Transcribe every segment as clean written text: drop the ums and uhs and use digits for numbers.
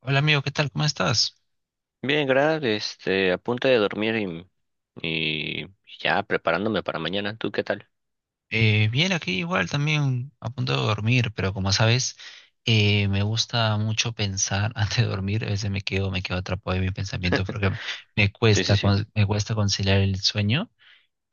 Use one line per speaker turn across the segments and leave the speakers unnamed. Hola amigo, ¿qué tal? ¿Cómo estás?
Bien, Grab, a punto de dormir y ya preparándome para mañana. ¿Tú qué tal?
Bien, aquí igual también a punto de dormir, pero como sabes, me gusta mucho pensar antes de dormir. A veces me quedo atrapado en mis pensamientos porque me
Sí, sí,
cuesta,
sí.
me cuesta conciliar el sueño.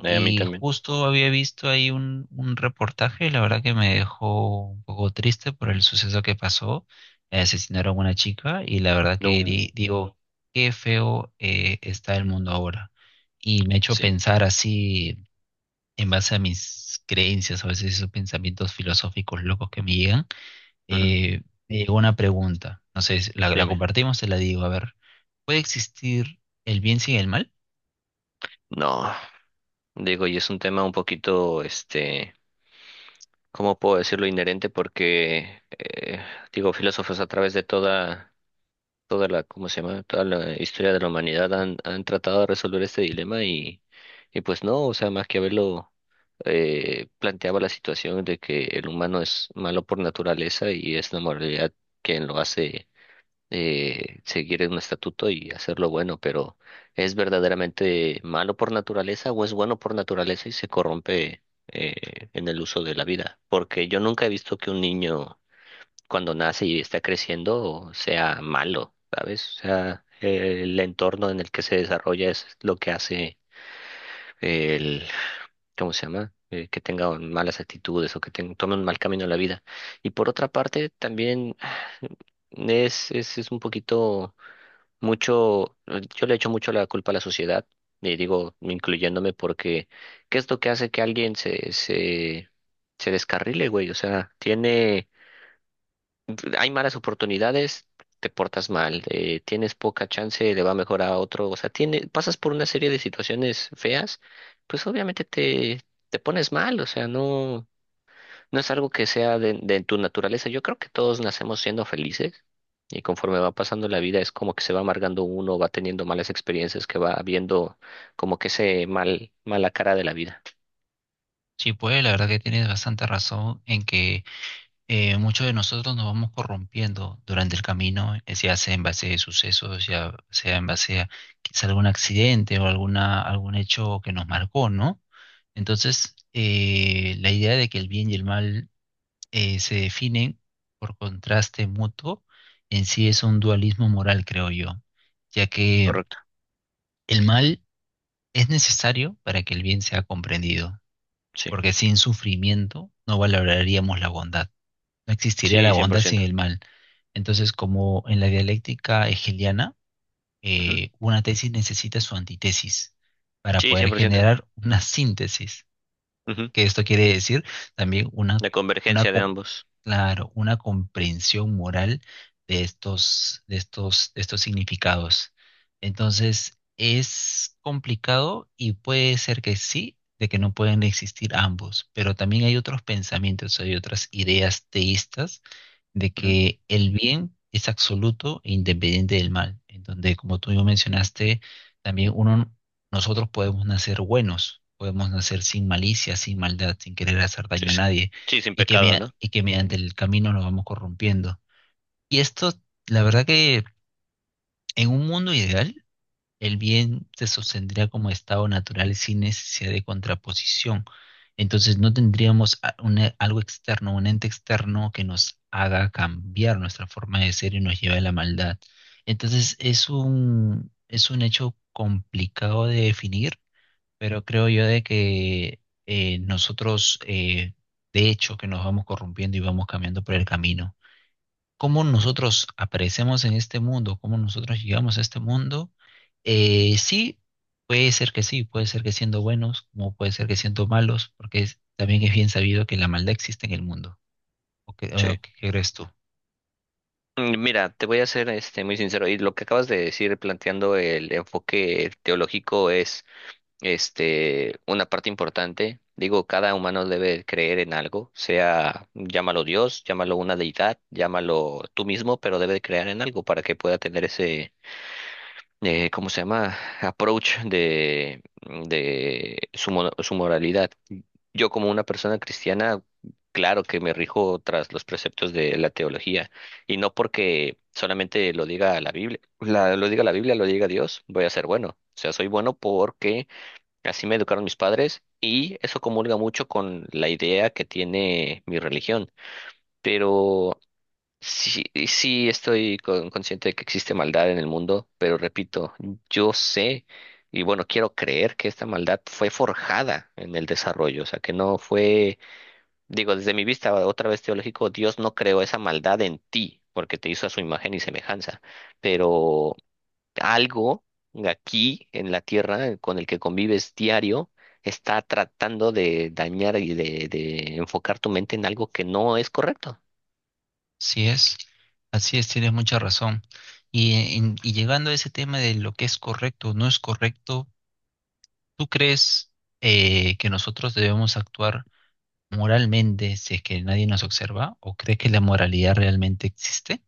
A mí
Y
también.
justo había visto ahí un reportaje, la verdad que me dejó un poco triste por el suceso que pasó. Asesinaron a una chica y la verdad que
No.
digo, qué feo está el mundo ahora. Y me ha hecho
Sí.
pensar así en base a mis creencias, a veces esos pensamientos filosóficos locos que me llegan,
Ujú.
eh, me llegó una pregunta. No sé, la, la
Dime.
compartimos, te la digo. A ver, ¿puede existir el bien sin el mal?
No, digo, y es un tema un poquito, ¿cómo puedo decirlo? Inherente porque, digo, filósofos a través de toda ¿cómo se llama? Toda la historia de la humanidad han tratado de resolver este dilema y pues no, o sea, Maquiavelo planteaba la situación de que el humano es malo por naturaleza y es la moralidad quien lo hace seguir un estatuto y hacerlo bueno, pero ¿es verdaderamente malo por naturaleza o es bueno por naturaleza y se corrompe en el uso de la vida? Porque yo nunca he visto que un niño cuando nace y está creciendo sea malo, ¿sabes? O sea, el entorno en el que se desarrolla es lo que hace el, ¿cómo se llama? Que tenga malas actitudes o que tome un mal camino en la vida. Y por otra parte, también es un poquito mucho, yo le echo mucho la culpa a la sociedad, y digo, incluyéndome, porque ¿qué es lo que hace que alguien se descarrile, güey? O sea, tiene hay malas oportunidades, te portas mal, tienes poca chance, le va mejor a otro, o sea, tiene, pasas por una serie de situaciones feas, pues obviamente te pones mal, o sea, no es algo que sea de tu naturaleza. Yo creo que todos nacemos siendo felices y conforme va pasando la vida es como que se va amargando uno, va teniendo malas experiencias, que va viendo como que ese mal, mala cara de la vida.
Sí, puede, la verdad que tienes bastante razón en que muchos de nosotros nos vamos corrompiendo durante el camino, ya sea en base a sucesos, ya sea en base a quizá algún accidente o alguna, algún hecho que nos marcó, ¿no? Entonces, la idea de que el bien y el mal se definen por contraste mutuo, en sí es un dualismo moral, creo yo, ya que
Correcto.
el mal es necesario para que el bien sea comprendido,
Sí,
porque sin sufrimiento no valoraríamos la bondad, no existiría
sí,
la bondad sin
100%.
el mal. Entonces, como en la dialéctica hegeliana,
Ujú.
una tesis necesita su antítesis para
Sí,
poder
100%.
generar una síntesis.
Ujú.
Que esto quiere decir también una,
La
una,
convergencia de
com-
ambos.
claro, una comprensión moral de estos, de estos significados. Entonces, es complicado y puede ser que sí, de que no pueden existir ambos, pero también hay otros pensamientos, hay otras ideas teístas de
Ujú.
que el bien es absoluto e independiente del mal, en donde, como tú mismo mencionaste, también uno, nosotros podemos nacer buenos, podemos nacer sin malicia, sin maldad, sin querer hacer daño
Sí,
a
sí.
nadie,
Sí, sin
y que,
pecado, ¿no?
y que mediante el camino nos vamos corrompiendo. Y esto, la verdad que en un mundo ideal, el bien se sostendría como estado natural sin necesidad de contraposición. Entonces no tendríamos algo externo, un ente externo que nos haga cambiar nuestra forma de ser y nos lleve a la maldad. Entonces es un hecho complicado de definir, pero creo yo de que nosotros, de hecho, que nos vamos corrompiendo y vamos cambiando por el camino cómo nosotros aparecemos en este mundo, cómo nosotros llegamos a este mundo, sí, puede ser que sí, puede ser que siendo buenos, como puede ser que siendo malos, porque también es bien sabido que la maldad existe en el mundo.
Sí.
O qué crees tú?
Mm, mira, te voy a ser muy sincero, y lo que acabas de decir planteando el enfoque teológico es una parte importante. Digo, cada humano debe creer en algo, sea llámalo Dios, llámalo una deidad, llámalo tú mismo, pero debe creer en algo para que pueda tener ese ¿cómo se llama? Approach de su, su moralidad. Yo como una persona cristiana, claro que me rijo tras los preceptos de la teología y no porque solamente lo diga la Biblia, lo diga la Biblia, lo diga Dios, voy a ser bueno. O sea, soy bueno porque así me educaron mis padres y eso comulga mucho con la idea que tiene mi religión. Pero sí, y sí estoy consciente de que existe maldad en el mundo, pero repito, yo sé y bueno, quiero creer que esta maldad fue forjada en el desarrollo, o sea, que no fue, digo, desde mi vista otra vez teológico, Dios no creó esa maldad en ti porque te hizo a su imagen y semejanza, pero algo aquí en la tierra con el que convives diario está tratando de dañar y de enfocar tu mente en algo que no es correcto.
Sí es, así es, tienes mucha razón. Y llegando a ese tema de lo que es correcto o no es correcto, ¿tú crees que nosotros debemos actuar moralmente si es que nadie nos observa? ¿O crees que la moralidad realmente existe?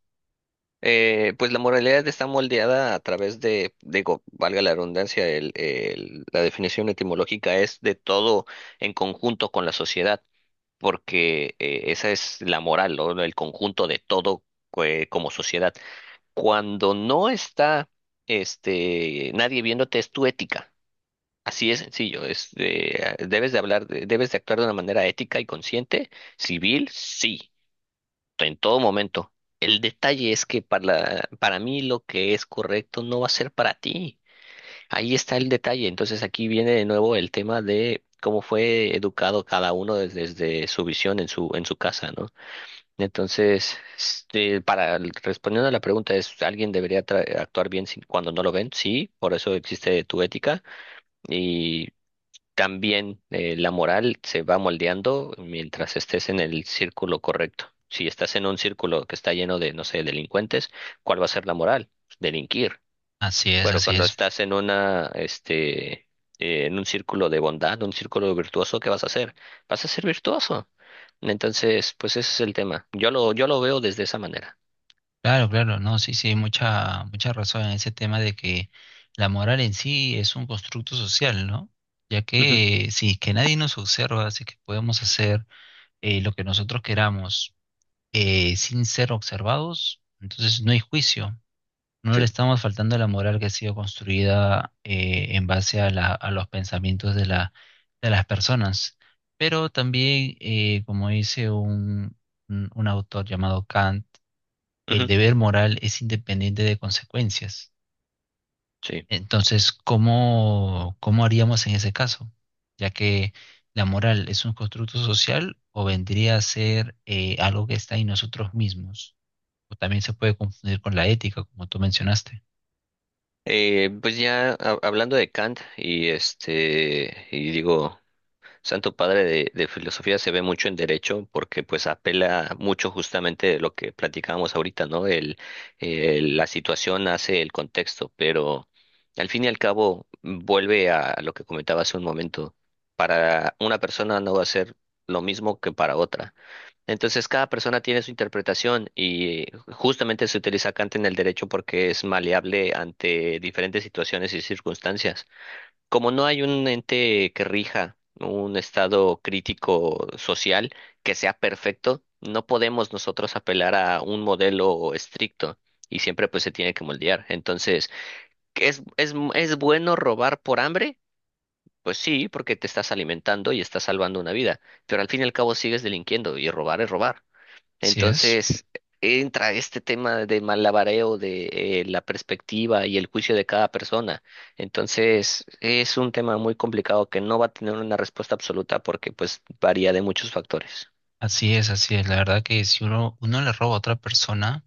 Pues la moralidad está moldeada a través de, digo, valga la redundancia, la definición etimológica es de todo en conjunto con la sociedad, porque esa es la moral, ¿no? El conjunto de todo como sociedad. Cuando no está nadie viéndote, es tu ética. Así es sencillo, es, debes de hablar, debes de actuar de una manera ética y consciente, civil, sí en todo momento. El detalle es que para mí lo que es correcto no va a ser para ti. Ahí está el detalle. Entonces aquí viene de nuevo el tema de cómo fue educado cada uno desde, su visión en su casa, ¿no? Entonces, para respondiendo a la pregunta es, ¿alguien debería actuar bien cuando no lo ven? Sí, por eso existe tu ética también la moral se va moldeando mientras estés en el círculo correcto. Si estás en un círculo que está lleno de, no sé, delincuentes, ¿cuál va a ser la moral? Delinquir.
Así es,
Bueno,
así
cuando
es.
estás en una, en un círculo de bondad, un círculo virtuoso, ¿qué vas a hacer? Vas a ser virtuoso. Entonces, pues ese es el tema. Yo lo veo desde esa manera.
Claro, claro, no, sí, sí, hay mucha, mucha razón en ese tema de que la moral en sí es un constructo social, ¿no? Ya
Ujú.
que si es que nadie nos observa, si es que podemos hacer lo que nosotros queramos sin ser observados, entonces no hay juicio. No le
Sí.
estamos faltando a la moral que ha sido construida en base a, a los pensamientos de de las personas. Pero también, como dice un autor llamado Kant, el
Ujú.
deber moral es independiente de consecuencias.
Sí.
Entonces, ¿cómo, cómo haríamos en ese caso? Ya que la moral es un constructo social o vendría a ser algo que está en nosotros mismos. O también se puede confundir con la ética, como tú mencionaste.
Pues ya hablando de Kant y y digo Santo Padre de filosofía se ve mucho en derecho porque pues apela mucho justamente de lo que platicábamos ahorita, ¿no? El, la situación hace el contexto, pero al fin y al cabo vuelve a lo que comentaba hace un momento. Para una persona no va a ser lo mismo que para otra. Entonces cada persona tiene su interpretación y justamente se utiliza Kant en el derecho porque es maleable ante diferentes situaciones y circunstancias. Como no hay un ente que rija un estado crítico social que sea perfecto, no podemos nosotros apelar a un modelo estricto y siempre pues se tiene que moldear. Entonces, ¿qué ¿es, es bueno robar por hambre? Pues sí, porque te estás alimentando y estás salvando una vida, pero al fin y al cabo sigues delinquiendo y robar es robar.
¿Sí es?
Entonces entra este tema de malabareo de la perspectiva y el juicio de cada persona. Entonces es un tema muy complicado que no va a tener una respuesta absoluta porque pues varía de muchos factores.
Así es, así es. La verdad que si uno, uno le roba a otra persona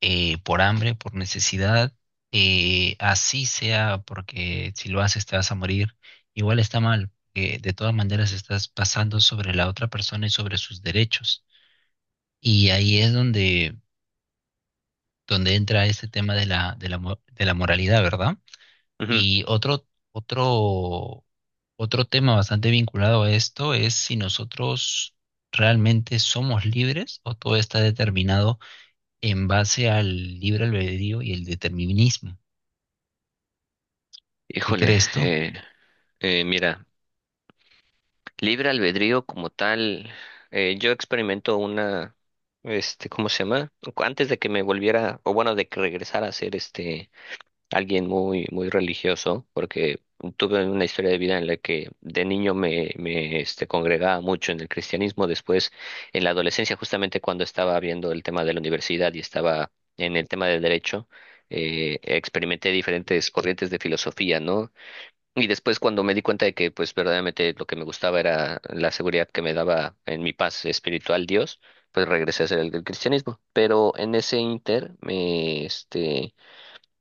por hambre, por necesidad, así sea porque si lo haces te vas a morir, igual está mal, que de todas maneras estás pasando sobre la otra persona y sobre sus derechos. Y ahí es donde, donde entra este tema de la, de la, de la moralidad, ¿verdad?
Ujú.
Y otro, otro tema bastante vinculado a esto es si nosotros realmente somos libres o todo está determinado en base al libre albedrío y el determinismo. ¿Qué
Híjole,
crees tú?
mira, libre albedrío como tal, yo experimento una, ¿cómo se llama? Antes de que me volviera, o bueno, de que regresara a ser alguien muy, muy religioso, porque tuve una historia de vida en la que de niño congregaba mucho en el cristianismo. Después, en la adolescencia, justamente cuando estaba viendo el tema de la universidad y estaba en el tema del derecho, experimenté diferentes corrientes de filosofía, ¿no? Y después cuando me di cuenta de que, pues, verdaderamente lo que me gustaba era la seguridad que me daba en mi paz espiritual Dios, pues regresé a ser el del cristianismo. Pero en ese inter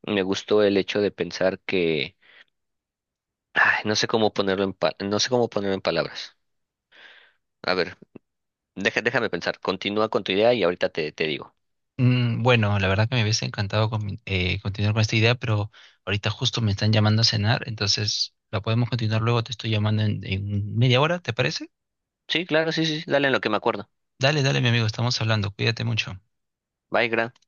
me gustó el hecho de pensar que, ay, no sé cómo ponerlo en no sé cómo ponerlo en palabras. A ver, déjame pensar. Continúa con tu idea y ahorita te digo.
Mm, bueno, la verdad que me hubiese encantado continuar con esta idea, pero ahorita justo me están llamando a cenar, entonces la podemos continuar luego. Te estoy llamando en media hora, ¿te parece?
Sí, claro, sí, sí, sí, dale en lo que me acuerdo.
Dale, dale, mi amigo, estamos hablando. Cuídate mucho.
Bye, gracias.